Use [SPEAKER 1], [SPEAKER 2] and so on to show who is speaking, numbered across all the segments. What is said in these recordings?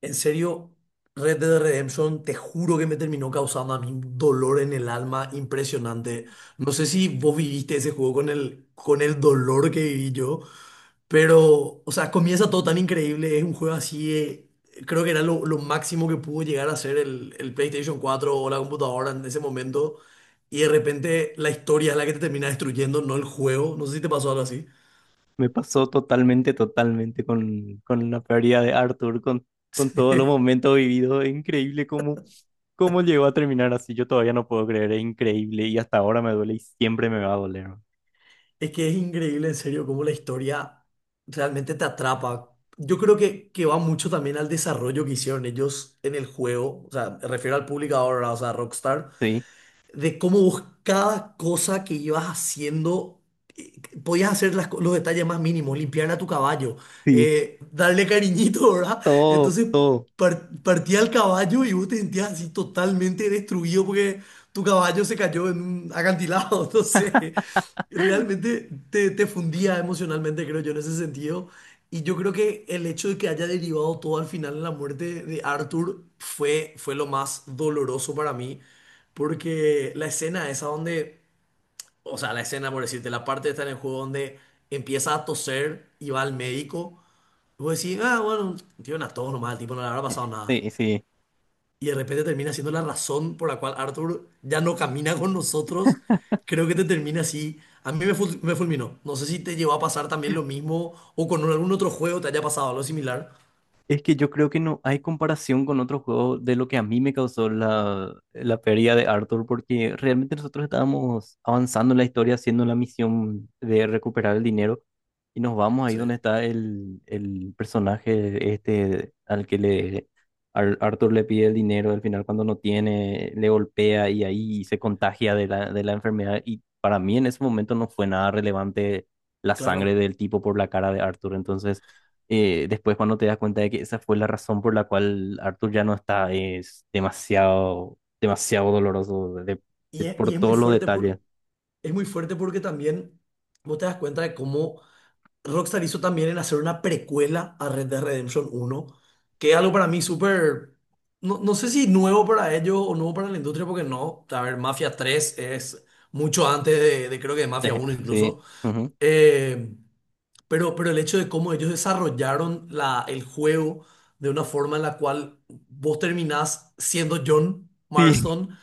[SPEAKER 1] En serio, Red Dead Redemption, te juro que me terminó causando a mí un dolor en el alma impresionante. No sé si vos viviste ese juego con el dolor que viví yo, pero, o sea, comienza todo tan increíble. Es un juego así, creo que era lo máximo que pudo llegar a ser el PlayStation 4 o la computadora en ese momento. Y de repente la historia es la que te termina destruyendo, no el juego. No sé si te pasó algo así.
[SPEAKER 2] Me pasó totalmente, totalmente con la pérdida de Arthur, con todos los momentos vividos. Es increíble cómo llegó a terminar así. Yo todavía no puedo creer, es increíble. Y hasta ahora me duele y siempre me va a doler, ¿no?
[SPEAKER 1] Es que es increíble, en serio, cómo la historia realmente te atrapa. Yo creo que va mucho también al desarrollo que hicieron ellos en el juego. O sea, me refiero al publicador, o sea, Rockstar,
[SPEAKER 2] Sí,
[SPEAKER 1] de cómo vos cada cosa que ibas haciendo, eh, podías hacer los detalles más mínimos, limpiar a tu caballo,
[SPEAKER 2] sí,
[SPEAKER 1] darle cariñito, ¿verdad?
[SPEAKER 2] todo,
[SPEAKER 1] Entonces
[SPEAKER 2] todo.
[SPEAKER 1] partía el caballo y vos te sentías así totalmente destruido porque tu caballo se cayó en un acantilado, entonces realmente te fundía emocionalmente, creo yo, en ese sentido. Y yo creo que el hecho de que haya derivado todo al final en la muerte de Arthur fue lo más doloroso para mí. Porque la escena esa donde, o sea, la escena, por decirte, la parte está en el juego donde empieza a toser y va al médico. Y vos decís, ah, bueno, tiene una tos nomás, al tipo no le habrá
[SPEAKER 2] Eh,
[SPEAKER 1] pasado nada.
[SPEAKER 2] Sí, sí.
[SPEAKER 1] Y de repente termina siendo la razón por la cual Arthur ya no camina con nosotros. Creo que te termina así. A mí me fulminó. No sé si te llegó a pasar también lo mismo o con algún otro juego te haya pasado algo similar.
[SPEAKER 2] Es que yo creo que no hay comparación con otro juego de lo que a mí me causó la pérdida de Arthur, porque realmente nosotros estábamos avanzando en la historia haciendo la misión de recuperar el dinero y nos vamos ahí
[SPEAKER 1] Sí,
[SPEAKER 2] donde está el personaje este al que Arthur le pide el dinero, al final cuando no tiene le golpea y ahí se contagia de la enfermedad, y para mí en ese momento no fue nada relevante la sangre
[SPEAKER 1] claro.
[SPEAKER 2] del tipo por la cara de Arthur. Entonces después, cuando te das cuenta de que esa fue la razón por la cual Arthur ya no está, es demasiado, demasiado doloroso por
[SPEAKER 1] Y es muy
[SPEAKER 2] todos los
[SPEAKER 1] fuerte por,
[SPEAKER 2] detalles.
[SPEAKER 1] es muy fuerte porque también vos te das cuenta de cómo Rockstar hizo también en hacer una precuela a Red Dead Redemption 1, que es algo para mí súper, no, no sé si nuevo para ellos o nuevo para la industria, porque no, a ver, Mafia 3 es mucho antes de creo que de Mafia uno
[SPEAKER 2] Sí,
[SPEAKER 1] incluso.
[SPEAKER 2] ujú.
[SPEAKER 1] Eh, pero el hecho de cómo ellos desarrollaron el juego de una forma en la cual vos terminás siendo John
[SPEAKER 2] Sí,
[SPEAKER 1] Marston,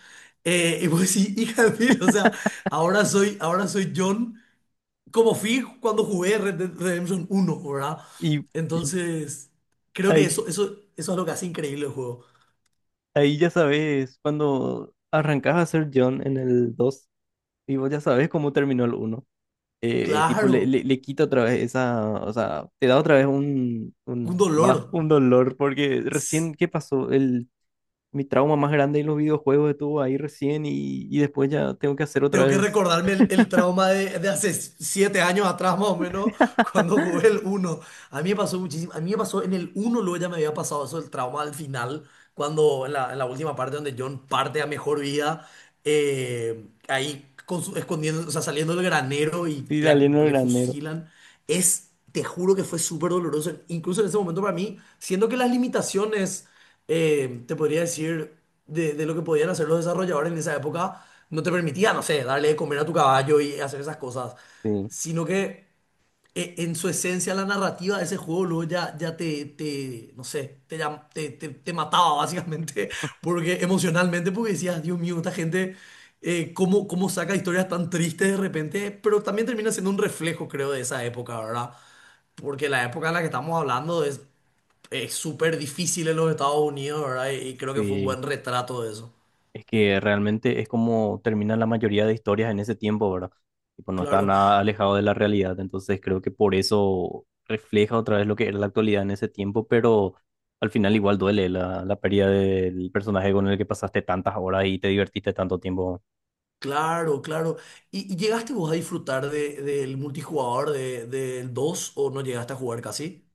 [SPEAKER 1] y vos decís, hija de mil, o sea, ahora soy John como fui cuando jugué Red Dead Redemption 1, ¿verdad?
[SPEAKER 2] y, y
[SPEAKER 1] Entonces, creo que
[SPEAKER 2] ahí,
[SPEAKER 1] eso es lo que hace increíble el juego.
[SPEAKER 2] ahí ya sabes, cuando arrancas a ser John en el 2 y vos ya sabes cómo terminó el uno. Tipo, le,
[SPEAKER 1] Claro,
[SPEAKER 2] le, le quita otra vez esa, o sea, te da otra vez un,
[SPEAKER 1] un
[SPEAKER 2] un
[SPEAKER 1] dolor.
[SPEAKER 2] bajo, un dolor, porque recién, ¿qué pasó? El Mi trauma más grande en los videojuegos estuvo ahí recién, y después ya tengo que hacer otra
[SPEAKER 1] Tengo que
[SPEAKER 2] vez.
[SPEAKER 1] recordarme el trauma de hace 7 años atrás, más o menos, cuando jugué el uno. A mí me pasó muchísimo. A mí me pasó en el uno, luego ya me había pasado eso, el trauma al final, cuando en la última parte donde John parte a mejor vida, ahí escondiendo, o sea, saliendo del granero y
[SPEAKER 2] Sí, saliendo del
[SPEAKER 1] le
[SPEAKER 2] granero.
[SPEAKER 1] fusilan. Te juro que fue súper doloroso. Incluso en ese momento para mí, siendo que las limitaciones, te podría decir, de lo que podían hacer los desarrolladores en esa época, no te permitía, no sé, darle de comer a tu caballo y hacer esas cosas,
[SPEAKER 2] Sí,
[SPEAKER 1] sino que, en su esencia la narrativa de ese juego, luego ya te, no sé, te, llam- te- te mataba básicamente, porque emocionalmente, porque decías, Dios mío, esta gente. Cómo saca historias tan tristes de repente, pero también termina siendo un reflejo, creo, de esa época, ¿verdad? Porque la época en la que estamos hablando es súper difícil en los Estados Unidos, ¿verdad? Y creo que fue un
[SPEAKER 2] sí.
[SPEAKER 1] buen retrato de eso.
[SPEAKER 2] Es que realmente es como terminan la mayoría de historias en ese tiempo, ¿verdad? Y pues no está
[SPEAKER 1] Claro,
[SPEAKER 2] nada alejado de la realidad. Entonces creo que por eso refleja otra vez lo que era la actualidad en ese tiempo, pero al final igual duele la pérdida del personaje con el que pasaste tantas horas y te divertiste tanto tiempo.
[SPEAKER 1] claro, claro. ¿Y llegaste vos a disfrutar del multijugador del 2 o no llegaste a jugar casi?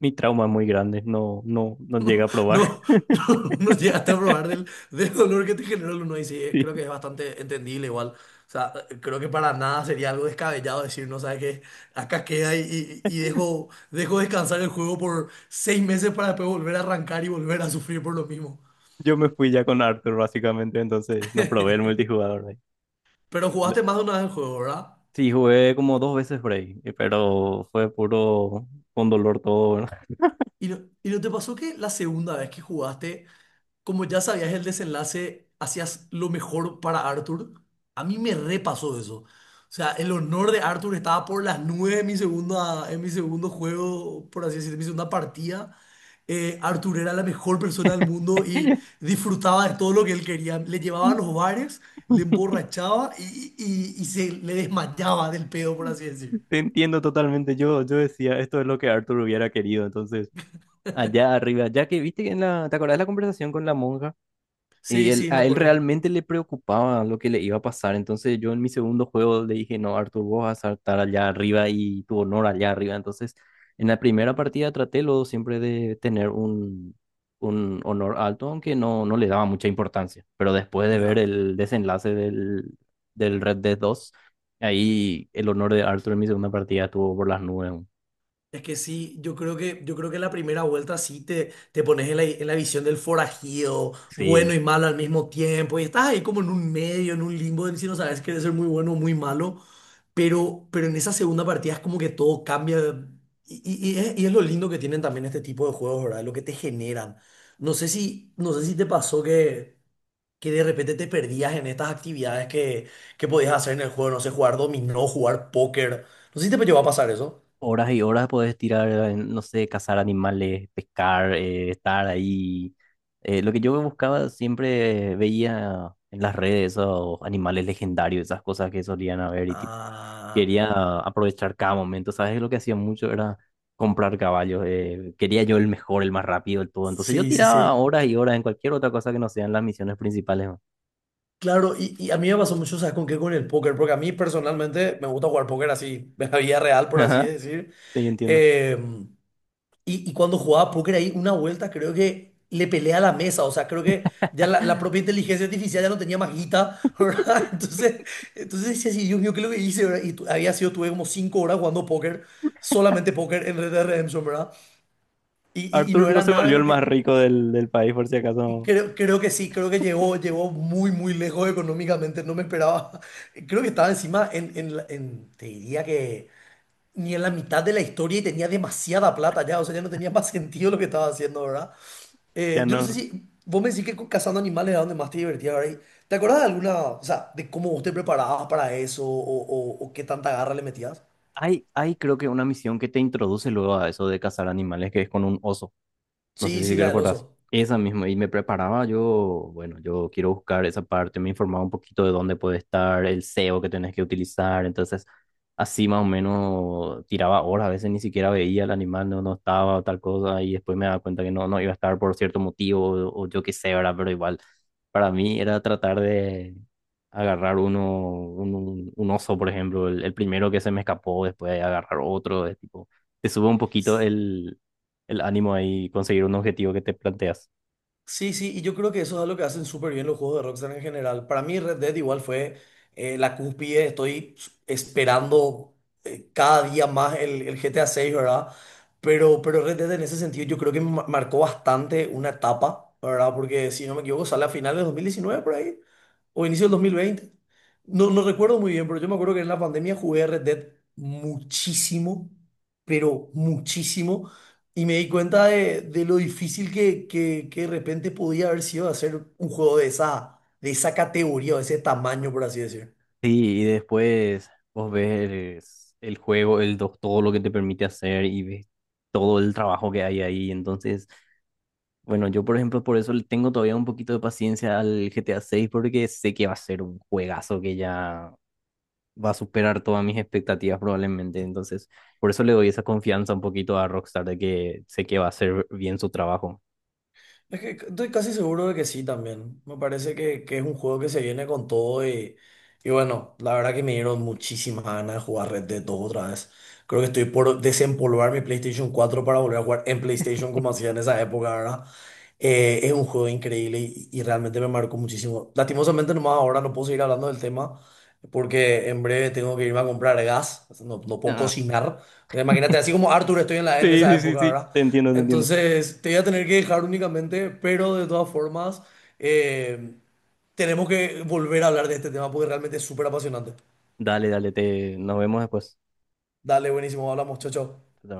[SPEAKER 2] Mi trauma es muy grande, no, no, no llega a probar.
[SPEAKER 1] No, no, no llegaste a probar del dolor que te generó el 1, y sí, creo que es bastante entendible igual. O sea, creo que para nada sería algo descabellado decir, no sabes qué, acá queda, y dejo descansar el juego por 6 meses para después volver a arrancar y volver a sufrir por lo mismo.
[SPEAKER 2] Yo me fui ya con Arthur, básicamente, entonces no probé el multijugador ahí.
[SPEAKER 1] Pero
[SPEAKER 2] Le-
[SPEAKER 1] jugaste más de una vez el juego, ¿verdad?
[SPEAKER 2] Sí, jugué como dos veces por ahí, pero fue puro, con dolor todo, ¿no?
[SPEAKER 1] ¿Y no te pasó que la segunda vez que jugaste, como ya sabías el desenlace, hacías lo mejor para Arthur? A mí me repasó eso. O sea, el honor de Arthur estaba por las nubes en mi segundo juego, por así decirlo, en mi segunda partida. Arthur era la mejor persona del mundo y disfrutaba de todo lo que él quería. Le llevaba a los bares, le emborrachaba y se le desmayaba del pedo, por así decir.
[SPEAKER 2] Te entiendo totalmente. Yo decía, esto es lo que Arthur hubiera querido. Entonces, allá arriba, ya que viste que en la, ¿te acordás de la conversación con la monja? Y
[SPEAKER 1] Sí, sí, me
[SPEAKER 2] a él
[SPEAKER 1] acuerdo.
[SPEAKER 2] realmente le preocupaba lo que le iba a pasar. Entonces yo en mi segundo juego le dije, no, Arthur, vos vas a saltar allá arriba, y tu honor allá arriba. Entonces en la primera partida traté luego siempre de tener un honor alto, aunque no, no le daba mucha importancia. Pero después de ver
[SPEAKER 1] Ya.
[SPEAKER 2] el desenlace del Red Dead dos, ahí el honor de Arthur en mi segunda partida estuvo por las nubes.
[SPEAKER 1] Es que sí, yo creo que la primera vuelta sí te pones en la visión del forajido, bueno
[SPEAKER 2] Sí,
[SPEAKER 1] y malo al mismo tiempo, y estás ahí como en un medio, en un limbo, de si no sabes, quieres ser muy bueno o muy malo, pero en esa segunda partida es como que todo cambia, y es lo lindo que tienen también este tipo de juegos, ¿verdad? Lo que te generan. No sé si te pasó que de repente te perdías en estas actividades que podías hacer en el juego, no sé, jugar dominó, jugar póker, no sé si te llegó a pasar eso.
[SPEAKER 2] horas y horas puedes tirar en, no sé, cazar animales, pescar, estar ahí. Lo que yo buscaba, siempre veía en las redes esos animales legendarios, esas cosas que solían haber, y tipo,
[SPEAKER 1] Ah.
[SPEAKER 2] quería aprovechar cada momento, ¿sabes? Lo que hacía mucho era comprar caballos. Quería yo el mejor, el más rápido, el todo. Entonces yo
[SPEAKER 1] Sí, sí,
[SPEAKER 2] tiraba
[SPEAKER 1] sí.
[SPEAKER 2] horas y horas en cualquier otra cosa que no sean las misiones principales, ¿no?
[SPEAKER 1] Claro, y a mí me pasó mucho, ¿sabes con qué? Con el póker, porque a mí personalmente me gusta jugar póker así, de la vida real, por así decir.
[SPEAKER 2] Sí, entiendo.
[SPEAKER 1] Eh, y cuando jugaba póker ahí, una vuelta creo que le peleé a la mesa, o sea, creo que ya la propia inteligencia artificial ya no tenía más guita, ¿verdad? Entonces decía así, Dios mío, ¿qué es lo que hice? ¿Verdad? Y había sido, tuve como 5 horas jugando póker, solamente póker en Red Dead Redemption, ¿verdad? Y no
[SPEAKER 2] Arthur no
[SPEAKER 1] era
[SPEAKER 2] se
[SPEAKER 1] nada de
[SPEAKER 2] volvió el
[SPEAKER 1] lo
[SPEAKER 2] más
[SPEAKER 1] que...
[SPEAKER 2] rico del país, por si
[SPEAKER 1] Y
[SPEAKER 2] acaso.
[SPEAKER 1] Creo, creo que sí, creo que llegó muy, muy lejos económicamente, no me esperaba. Creo que estaba encima en te diría que ni en la mitad de la historia y tenía demasiada plata ya, o sea, ya no tenía más sentido lo que estaba haciendo, ¿verdad? Eh,
[SPEAKER 2] Ya
[SPEAKER 1] yo no sé
[SPEAKER 2] no.
[SPEAKER 1] si vos me decís que cazando animales era donde más te divertías, ¿verdad? Y ¿te acordás de alguna, o sea, de cómo vos te preparabas para eso, o qué tanta garra le metías?
[SPEAKER 2] Hay creo que una misión que te introduce luego a eso de cazar animales, que es con un oso. No sé
[SPEAKER 1] Sí,
[SPEAKER 2] si
[SPEAKER 1] sí, la del
[SPEAKER 2] recordás.
[SPEAKER 1] oso.
[SPEAKER 2] Esa misma, y me preparaba yo, bueno, yo quiero buscar esa parte, me informaba un poquito de dónde puede estar el SEO que tenés que utilizar. Entonces así más o menos tiraba horas, a veces ni siquiera veía el animal, no, no estaba tal cosa, y después me daba cuenta que no, no iba a estar por cierto motivo, o yo qué sé, ¿verdad? Pero igual, para mí era tratar de agarrar uno, un oso, por ejemplo, el primero que se me escapó, después agarrar otro. Es tipo te sube un poquito el ánimo ahí, conseguir un objetivo que te planteas.
[SPEAKER 1] Sí, sí, y yo creo que eso es algo que hacen súper bien los juegos de Rockstar en general. Para mí Red Dead igual fue, la cúspide. Estoy esperando, cada día más, el GTA 6, ¿verdad? Pero Red Dead en ese sentido yo creo que marcó bastante una etapa, ¿verdad? Porque si no me equivoco sale a finales de 2019 por ahí o inicio del 2020. No, no recuerdo muy bien, pero yo me acuerdo que en la pandemia jugué Red Dead muchísimo, pero muchísimo. Y me di cuenta de lo difícil que de repente podía haber sido hacer un juego de esa categoría, o de ese tamaño, por así decir.
[SPEAKER 2] Sí, y después vos ves el juego, todo lo que te permite hacer, y ves todo el trabajo que hay ahí. Entonces, bueno, yo por ejemplo, por eso le tengo todavía un poquito de paciencia al GTA 6, porque sé que va a ser un juegazo que ya va a superar todas mis expectativas probablemente. Entonces, por eso le doy esa confianza un poquito a Rockstar, de que sé que va a hacer bien su trabajo.
[SPEAKER 1] Es que estoy casi seguro de que sí también. Me parece que es un juego que se viene con todo, y bueno, la verdad que me dieron muchísimas ganas de jugar Red Dead 2 otra vez. Creo que estoy por desempolvar mi PlayStation 4 para volver a jugar en PlayStation como hacía en esa época, ¿verdad? Es un juego increíble, y realmente me marcó muchísimo. Lastimosamente nomás ahora no puedo seguir hablando del tema porque en breve tengo que irme a comprar gas, no, no puedo
[SPEAKER 2] Ah,
[SPEAKER 1] cocinar. Imagínate, así como Arthur estoy en la, en
[SPEAKER 2] sí,
[SPEAKER 1] esa
[SPEAKER 2] sí, sí,
[SPEAKER 1] época,
[SPEAKER 2] sí,
[SPEAKER 1] ¿verdad?
[SPEAKER 2] te entiendo, te entiendo.
[SPEAKER 1] Entonces, te voy a tener que dejar únicamente, pero de todas formas, eh, tenemos que volver a hablar de este tema porque realmente es súper apasionante.
[SPEAKER 2] Dale, dale, te... nos vemos después.
[SPEAKER 1] Dale, buenísimo, hablamos, chao, chao.
[SPEAKER 2] Chao, chao.